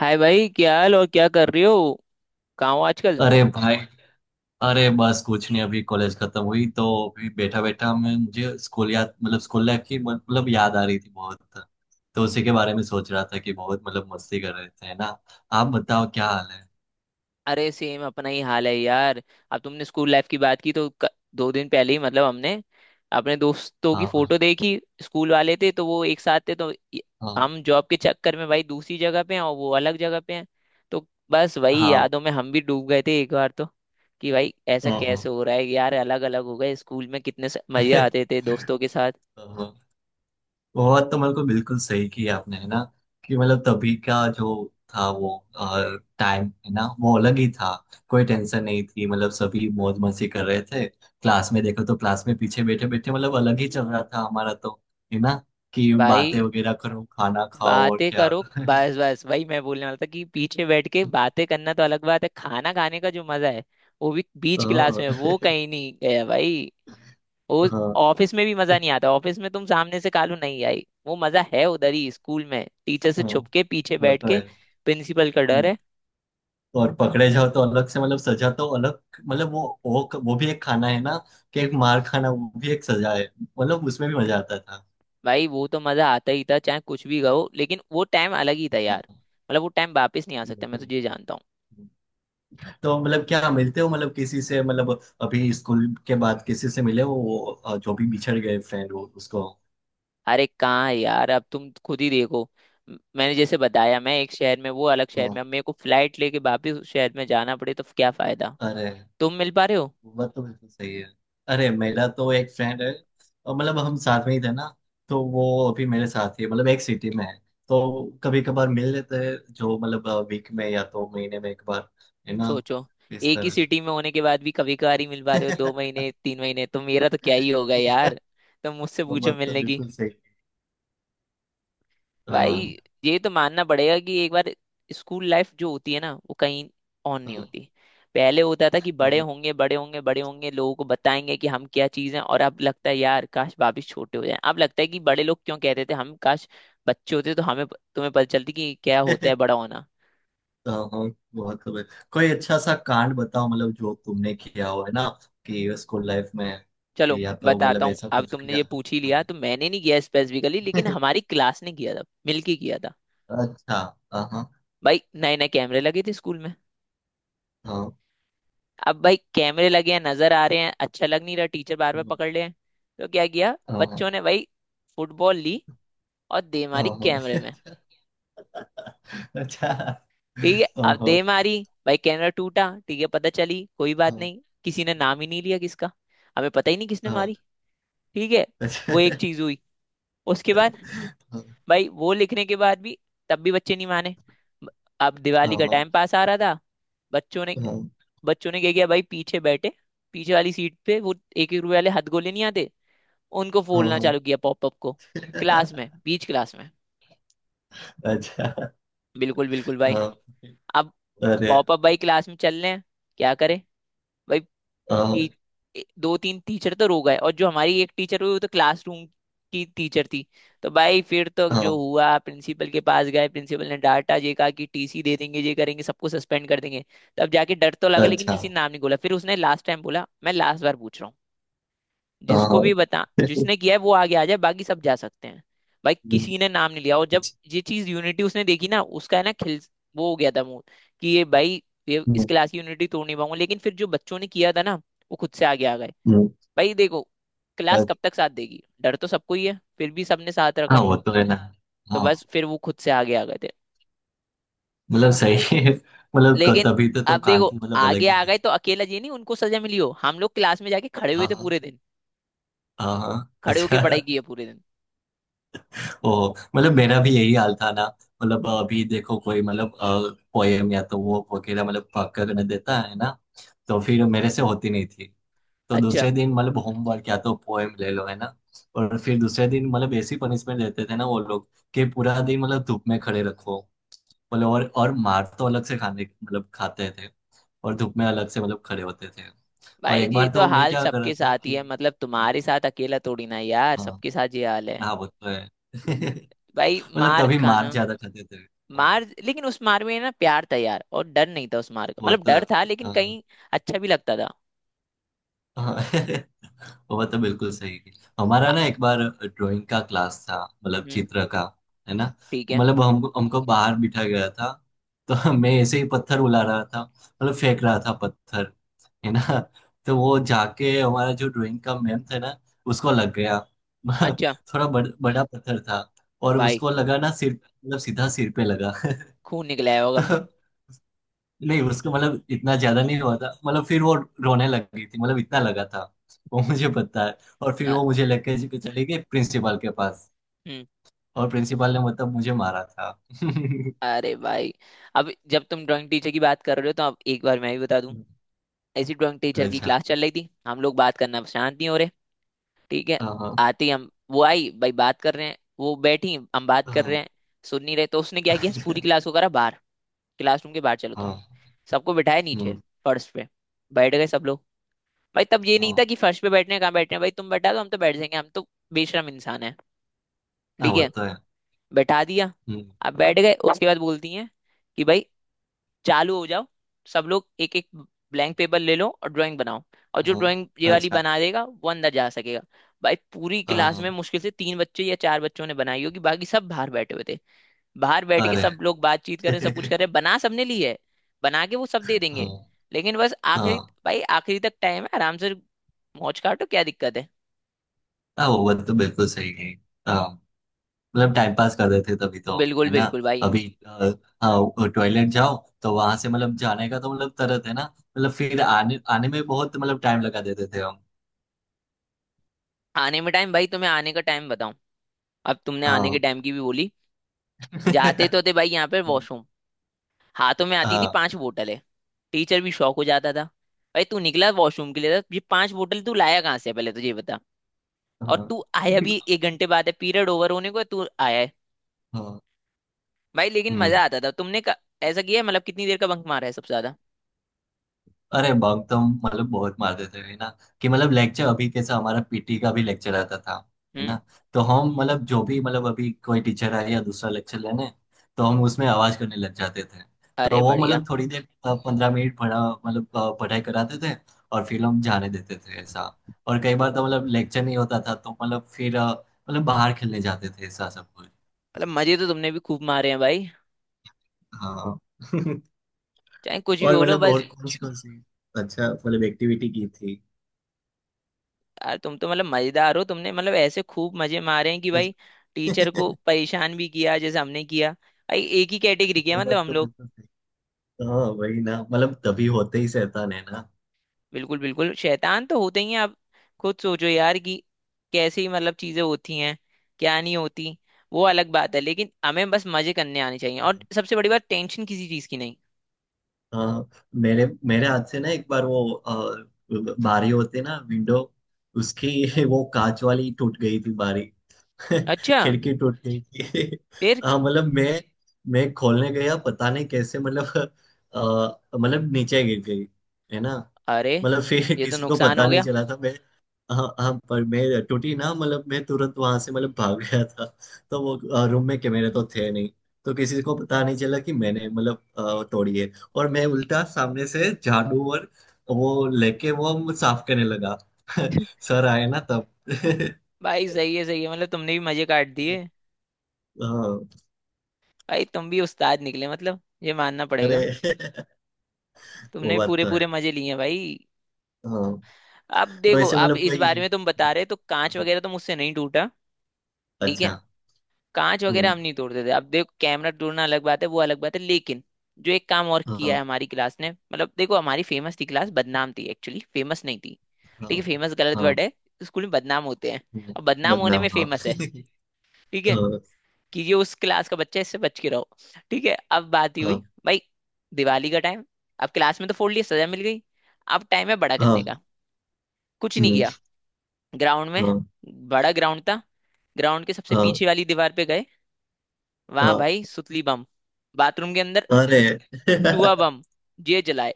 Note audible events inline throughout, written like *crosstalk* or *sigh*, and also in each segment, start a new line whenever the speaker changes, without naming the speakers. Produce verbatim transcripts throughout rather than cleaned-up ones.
हाय भाई, क्या हाल और क्या कर रही हो। कहाँ हो आजकल।
अरे भाई। अरे बस कुछ नहीं, अभी कॉलेज खत्म हुई तो अभी बैठा बैठा मैं मुझे स्कूल याद, मतलब स्कूल लाइफ की मतलब याद आ रही थी बहुत। तो उसी के बारे में सोच रहा था कि बहुत मतलब मस्ती कर रहे थे, है ना। आप बताओ क्या हाल है।
अरे सेम अपना ही हाल है यार। अब तुमने स्कूल लाइफ की बात की तो क- दो दिन पहले ही मतलब हमने अपने दोस्तों की
हाँ हाँ।
फोटो देखी। स्कूल वाले थे तो वो एक साथ थे तो ये-
हाँ
हम जॉब के चक्कर में भाई दूसरी जगह पे हैं और वो अलग जगह पे हैं। तो बस वही
हाँ।
यादों में हम भी डूब गए थे एक बार तो कि भाई ऐसा
हाँ, हाँ।
कैसे हो रहा है यार, अलग अलग हो गए। स्कूल में कितने स- मजे
*laughs*
आते थे दोस्तों के साथ।
हाँ, हाँ। बहुत तो मतलब बिल्कुल सही किया आपने, है ना। कि मतलब तभी का जो था वो टाइम, है ना, वो अलग ही था। कोई टेंशन नहीं थी, मतलब सभी मौज मस्ती कर रहे थे, क्लास में देखो तो क्लास में पीछे बैठे बैठे मतलब अलग ही चल रहा था हमारा तो। है ना। कि
भाई
बातें वगैरह करो, खाना खाओ और
बातें
क्या।
करो,
*laughs*
बस बस वही मैं बोलने वाला था कि पीछे बैठ के बातें करना तो अलग बात है, खाना खाने का जो मजा है वो भी बीच क्लास
हाँ।
में, वो
*laughs*
कहीं नहीं गया भाई। वो
हाँ
ऑफिस में भी मजा नहीं आता। ऑफिस में तुम सामने से कालू नहीं आई, वो मजा है उधर ही, स्कूल में टीचर से
हाँ,
छुप के पीछे
वो
बैठ
तो है।
के। प्रिंसिपल का डर
हम्म।
है।
और पकड़े जाओ तो अलग से मतलब सजा तो अलग। मतलब वो वो वो भी एक खाना है ना, कि एक मार खाना वो भी एक सजा है। मतलब उसमें भी मजा आता था।
भाई वो तो मजा आता ही था चाहे कुछ भी गाओ, लेकिन वो टाइम अलग ही था यार।
हाँ,
मतलब वो टाइम वापस नहीं आ
वो
सकता,
तो
मैं तो ये
बिल्कुल।
जानता हूँ।
तो मतलब क्या, मिलते हो मतलब किसी से, मतलब अभी स्कूल के बाद किसी से मिले हो वो अ, जो भी बिछड़ गए फ्रेंड हो उसको।
अरे कहाँ है यार, अब तुम खुद ही देखो। म- मैंने जैसे बताया, मैं एक शहर में, वो अलग शहर
हाँ,
में। अब मेरे को फ्लाइट लेके वापिस उस शहर में जाना पड़े तो क्या फायदा।
अरे
तुम मिल पा रहे हो।
वो तो बिल्कुल सही है। अरे मेरा तो एक फ्रेंड है और मतलब हम साथ में ही थे ना, तो वो अभी मेरे साथ ही है, मतलब एक सिटी में है। तो कभी कभार मिल लेते हैं, जो मतलब वीक में या तो महीने में एक बार, है ना,
सोचो,
इस
एक ही
तरह
सिटी
से।
में होने के बाद भी कभी कभार ही मिल पा रहे हो दो महीने तीन महीने, तो मेरा तो क्या ही होगा
*laughs*
यार। तुम मुझसे
वो
पूछो
बात तो
मिलने की।
बिल्कुल सही। हाँ
भाई ये तो मानना पड़ेगा कि एक बार स्कूल लाइफ जो होती है ना, वो कहीं ऑन नहीं
हाँ।
होती। पहले होता था कि
वो
बड़े
बात-
होंगे बड़े होंगे बड़े होंगे, लोगों को बताएंगे कि हम क्या चीज़ हैं, और अब लगता है यार काश वापिस छोटे हो जाएं। अब लगता है कि बड़े लोग क्यों कहते थे, हम काश बच्चे होते तो हमें तुम्हें पता चलती कि क्या होता है बड़ा
*laughs*
होना।
हाँ हाँ, बहुत खबर। कोई अच्छा सा कांड बताओ, मतलब जो तुमने किया हो, है ना। कि स्कूल लाइफ में
चलो
या तो मतलब
बताता हूँ,
ऐसा
अब
कुछ
तुमने
किया
ये
हो।
पूछ ही लिया
हाँ।
तो। मैंने नहीं किया स्पेसिफिकली, लेकिन हमारी
*laughs*
क्लास ने किया था, मिलके किया था।
अच्छा। हाँ हाँ।
भाई नए नए कैमरे लगे थे स्कूल में।
हाँ
अब भाई कैमरे लगे हैं, नजर आ रहे हैं, अच्छा लग नहीं रहा, टीचर बार बार पकड़ रहे हैं। तो क्या किया
हाँ।
बच्चों
हाँ
ने भाई, फुटबॉल ली और दे मारी
हाँ।
कैमरे में।
*laughs* अच्छा
ठीक है,
हाँ
अब
हाँ।
दे मारी। भाई कैमरा टूटा, ठीक है, पता चली, कोई बात
हाँ
नहीं, किसी ने नाम ही नहीं लिया किसका। हमें पता ही नहीं किसने
हाँ,
मारी। ठीक है,
अच्छा।
वो एक चीज हुई। उसके बाद
हाँ
भाई, वो लिखने के बाद भी तब भी बच्चे नहीं माने। ब- अब दिवाली का
हाँ
टाइम पास आ रहा था। बच्चों ने
हाँ
बच्चों ने क्या किया भाई, पीछे बैठे, पीछे वाली सीट पे, वो एक एक रुपए वाले हथगोले नहीं आते, उनको
हाँ,
फूलना
हाँ,
चालू किया, पॉपअप को, क्लास में, बीच क्लास में।
अच्छा।
बिल्कुल बिल्कुल भाई।
हाँ।
अब
अरे।
पॉपअप भाई क्लास में चल रहे हैं, क्या करे भाई।
हाँ
टी, ए- दो तीन टीचर तो रो गए, और जो हमारी एक टीचर हुई वो तो क्लासरूम की टीचर थी। तो भाई फिर तो जो
हाँ।
हुआ, प्रिंसिपल के पास गए, प्रिंसिपल ने डांटा, ये कहा कि टीसी दे देंगे, ये करेंगे, सबको सस्पेंड कर देंगे। तब जाके डर तो लगा, लेकिन
अच्छा।
किसी ने नाम नहीं बोला। फिर उसने लास्ट टाइम बोला, मैं लास्ट बार पूछ रहा हूँ, जिसको
हाँ।
भी बता, जिसने किया है वो आगे आ जाए, बाकी सब जा सकते हैं। भाई
हम्म,
किसी ने नाम नहीं लिया, और जब
अच्छा।
ये चीज यूनिटी उसने देखी ना, उसका है ना खिल वो हो गया था मुंह, कि ये भाई ये इस
हम्म।
क्लास की यूनिटी तोड़ नहीं पाऊंगा। लेकिन फिर जो बच्चों ने किया था ना, वो खुद से आगे आ गए।
हम्म,
भाई देखो, क्लास कब
अच्छा।
तक साथ देगी, डर तो सबको ही है, फिर भी सबने साथ
हाँ,
रखा।
वो तो है ना।
तो बस
हाँ।
फिर वो खुद से आगे आ गए थे।
*laughs* मतलब सही है। मतलब क-
लेकिन
तभी तो तो
अब देखो,
कांति मतलब अलग
आगे
ही
आ गए
थे।
तो अकेला ये नहीं उनको सजा मिली हो, हम लोग क्लास में जाके खड़े हुए
हाँ
थे
हाँ।
पूरे दिन।
हाँ हाँ,
खड़े होके पढ़ाई
अच्छा।
की है पूरे दिन।
ओ मतलब मेरा भी यही हाल था ना। मतलब अभी देखो कोई मतलब पोएम या तो वो वगैरह मतलब पक करने देता है ना, तो फिर
हम्म।
मेरे से होती नहीं थी। तो
अच्छा।
दूसरे दिन मतलब होमवर्क या तो पोएम ले लो, है ना। और फिर दूसरे दिन मतलब ऐसी पनिशमेंट देते थे ना वो लोग, कि पूरा दिन मतलब धूप में खड़े रखो। मतलब और और मार तो अलग से खाने मतलब खाते थे, और धूप में अलग से मतलब खड़े होते थे। और
भाई
एक
ये
बार
तो
तो मैं
हाल
क्या कर रहा
सबके
था
साथ
कि
ही है, मतलब
हाँ।
तुम्हारे साथ अकेला थोड़ी ना यार,
हाँ।
सबके साथ ये हाल है।
हाँ, वो तो है। *laughs* मतलब
भाई मार
तभी मार
खाना,
ज्यादा खाते थे, हाँ।
मार लेकिन उस मार में ना प्यार था यार, और डर नहीं था उस मार का,
वो
मतलब
तो है।
डर था लेकिन
हाँ,
कहीं अच्छा भी लगता था।
हाँ। *laughs* वो तो बिल्कुल सही है। हमारा
अ,
ना एक बार ड्राइंग का क्लास था, मतलब
हम्म।
चित्र का, है ना।
ठीक है।
मतलब हमको हमको बाहर बिठा गया था। तो मैं ऐसे ही पत्थर उला रहा था, मतलब फेंक रहा था पत्थर, है ना। *laughs* तो वो जाके हमारा जो ड्राइंग का मैम था ना उसको लग गया। *laughs*
अच्छा।
थोड़ा बड़, बड़ा पत्थर था, और
भाई
उसको लगा ना सिर, मतलब सीधा सिर पे लगा।
खून निकला है
*laughs*
होगा।
तो नहीं उसको मतलब इतना ज्यादा नहीं हुआ था, मतलब फिर वो रोने लग गई थी, मतलब इतना लगा था वो मुझे पता है। और
अ,
फिर वो मुझे लेके जी- चली गई प्रिंसिपल के पास,
हम्म।
और प्रिंसिपल ने मतलब मुझे मारा था। *laughs*
अरे भाई, अब जब तुम ड्राइंग टीचर की बात कर रहे हो तो अब एक बार मैं भी बता दूं। ऐसी ड्राइंग टीचर की
अच्छा।
क्लास चल रही थी, हम लोग बात करना शांत नहीं हो रहे। ठीक है।
हाँ हाँ।
आते ही हम वो आई भाई, बात कर रहे हैं, वो बैठी, हम बात कर रहे
हाँ।
हैं, सुन नहीं रहे, तो उसने क्या किया, पूरी क्लास
*laughs*
को करा बाहर, क्लासरूम के बाहर, चलो तुम।
हाँ,
सबको बिठाया नीचे,
हम्म,
फर्श पे। बैठ गए सब लोग। भाई तब ये नहीं
हाँ
था कि फर्श पे बैठने हैं, कहाँ बैठने हैं, भाई तुम बैठा दो हम तो बैठ जाएंगे, हम तो बेशरम इंसान है।
हाँ
ठीक
वो
है,
तो है।
बैठा दिया।
हम्म,
अब बैठ गए, उसके बाद बोलती हैं कि भाई चालू हो जाओ, सब लोग एक एक ब्लैंक पेपर ले लो और ड्राइंग बनाओ, और जो
हाँ।
ड्राइंग ये वाली
अच्छा।
बना देगा वो अंदर जा सकेगा। भाई पूरी
हाँ
क्लास में
हाँ।
मुश्किल से तीन बच्चे या चार बच्चों ने बनाई होगी, बाकी सब बाहर बैठे हुए थे। बाहर बैठ के
अरे।
सब
*laughs*
लोग बातचीत कर रहे हैं, सब कुछ कर रहे हैं, बना सबने ली है, बना के वो सब दे
हाँ
देंगे, लेकिन बस आखिरी।
हाँ।
भाई आखिरी तक टाइम है, आराम से मौज काटो, क्या दिक्कत है।
हाँ, वो बात तो बिल्कुल सही है। हाँ, मतलब टाइम पास कर रहे थे तभी तो।
बिल्कुल
है ना।
बिल्कुल भाई।
अभी अ, हाँ टॉयलेट जाओ तो वहां से मतलब जाने का तो मतलब तरत है ना। मतलब फिर आने आने में बहुत मतलब टाइम लगा देते थे हम।
आने में टाइम, भाई तुम्हें आने का टाइम बताऊं, अब तुमने आने के
हाँ।
टाइम की भी बोली। जाते तो थे भाई यहाँ पे
*laughs* हाँ
वॉशरूम, हाथों में आती थी
हाँ।
पांच बोतलें। टीचर भी शौक हो जाता था, भाई तू निकला वॉशरूम के लिए था, ये पांच बोतल तू लाया कहाँ से है, पहले तो ये बता। और
हाँ
तू आया भी एक घंटे बाद है, पीरियड ओवर होने को है, तू आया है।
हाँ,
भाई लेकिन
हम्म।
मजा आता था। तुमने क- ऐसा किया है, मतलब कितनी देर का बंक मारा है सबसे ज्यादा।
अरे बग तो मतलब बहुत मारते थे, है ना। कि मतलब लेक्चर अभी कैसा हमारा पीटी का भी लेक्चर आता था, है
हम्म।
ना। तो हम मतलब जो भी मतलब अभी कोई टीचर आए या दूसरा लेक्चर लेने, तो हम उसमें आवाज करने लग जाते थे।
अरे
तो वो
बढ़िया।
मतलब थोड़ी देर पंद्रह मिनट पढ़ा मतलब अ, पढ़ाई कराते थे, और फिर हम जाने देते थे ऐसा। और कई बार तो मतलब लेक्चर नहीं होता था तो मतलब फिर अ, मतलब बाहर खेलने जाते थे ऐसा सब कुछ।
मतलब मजे तो तुमने भी खूब मारे हैं भाई,
हाँ। *laughs*
चाहे कुछ भी
और
बोलो
मतलब और
बस।
*laughs* कौन सी कौन सी अच्छा मतलब एक्टिविटी की थी।
यार तुम तो मतलब मजेदार हो, तुमने मतलब ऐसे खूब मजे मारे हैं कि भाई टीचर को
*laughs*
परेशान भी किया जैसे हमने किया। भाई एक ही कैटेगरी किया
वो
मतलब
बात
हम
तो
लोग।
बिल्कुल सही। हाँ वही ना मतलब तभी होते ही शैतान, है ना।
बिल्कुल बिल्कुल शैतान तो होते ही हैं आप। खुद सोचो यार कि कैसी मतलब चीजें होती हैं, क्या नहीं होती, वो अलग बात है, लेकिन हमें बस मजे करने आने चाहिए और सबसे बड़ी बात टेंशन किसी चीज की नहीं।
हाँ। मेरे मेरे हाथ से ना एक बार वो अ, बारी होती ना विंडो उसकी *laughs* वो कांच वाली टूट गई थी बारी। *laughs*
अच्छा।
खिड़की टूट गई थी।
फिर।
*laughs* हाँ मतलब मैं मैं खोलने गया पता नहीं कैसे मतलब अ, मतलब नीचे गिर गई, है ना।
अरे
मतलब फिर *laughs*
ये तो
किसी को
नुकसान
पता
हो
नहीं
गया।
चला था मैं। हाँ हाँ पर मैं टूटी ना मतलब मैं तुरंत वहां से मतलब भाग गया था। तो वो रूम में कैमरे तो थे नहीं, तो किसी को पता नहीं चला कि मैंने मतलब अ, तोड़ी है। और मैं उल्टा सामने से झाड़ू और वो लेके वो साफ करने लगा। *laughs* सर आए ना तब।
*laughs* भाई सही है
*laughs*
सही है, मतलब तुमने भी मजे काट दिए।
हाँ।
भाई तुम भी उस्ताद निकले, मतलब ये मानना
अरे।
पड़ेगा।
*laughs* वो
तुमने भी
बात
पूरे
तो
पूरे
है।
मजे लिए हैं भाई।
हाँ।
अब
तो
देखो,
ऐसे
अब
मतलब
इस
कोई,
बारे में तुम बता रहे हो, तो कांच
हाँ,
वगैरह तो मुझसे नहीं टूटा। ठीक है,
अच्छा।
कांच वगैरह
हम्म,
हम नहीं तोड़ते थे। अब देखो, कैमरा तोड़ना अलग बात है, वो अलग बात है, लेकिन जो एक काम और किया
हाँ
है हमारी क्लास ने, मतलब देखो हमारी फेमस थी क्लास, बदनाम थी एक्चुअली, फेमस नहीं थी। ठीक
हाँ
है, फेमस गलत
हाँ।
वर्ड है, स्कूल में बदनाम होते हैं,
हम्म,
और बदनाम होने
बदनाम
में
हाँ।
फेमस है। ठीक
*laughs*
है,
हाँ
कि ये उस क्लास का बच्चा है, इससे बच के रहो। ठीक है, अब बात ही हुई
हाँ
भाई, दिवाली का टाइम। अब क्लास में तो फोड़ लिया, सजा मिल गई, अब टाइम है बड़ा करने
हाँ।
का। कुछ नहीं
हम्म,
किया, ग्राउंड में,
हाँ
बड़ा ग्राउंड था, ग्राउंड के सबसे
हाँ
पीछे वाली दीवार पे गए, वहां
हाँ।
भाई सुतली बम, बाथरूम के अंदर
अरे। *laughs*
चूहा बम, ये जलाए।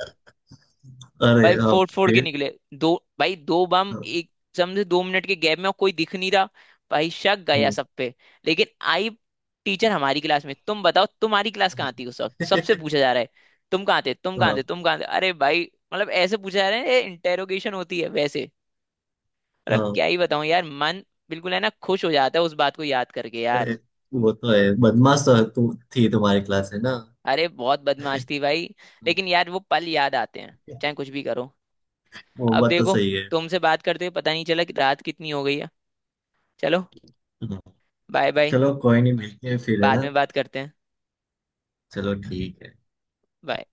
अरे
भाई
हाँ।
फोड़ फोड़ के
फिर
निकले। दो, भाई दो बम
हाँ।
एक, समझे दो मिनट के गैप में, और कोई दिख नहीं रहा। भाई शक गया
हम्म,
सब पे। लेकिन आई टीचर हमारी क्लास में, तुम बताओ तुम्हारी क्लास कहाँ
हाँ।
थी उस वक्त, सबसे
*laughs*
पूछा जा रहा है, तुम कहाँ थे तुम कहाँ
हाँ
थे तुम कहाँ थे। अरे भाई, मतलब ऐसे पूछा जा रहा है, इंटेरोगेशन होती है वैसे। मतलब
हाँ,
क्या ही बताऊं यार, मन बिल्कुल है ना खुश हो जाता है उस बात को याद करके यार।
अरे वो तो है, बदमाश तो तू थी तुम्हारी क्लास है ना।
अरे बहुत बदमाश थी भाई। लेकिन
*laughs*
यार वो पल याद आते हैं चाहे कुछ भी करो।
वो
अब
बात तो
देखो,
सही है।
तुमसे बात करते हुए पता नहीं चला कि रात कितनी हो गई है। चलो,
हाँ,
बाय बाय।
चलो कोई नहीं मिलते हैं फिर है
बाद
ना।
में बात करते हैं।
चलो ठीक है।
Bye.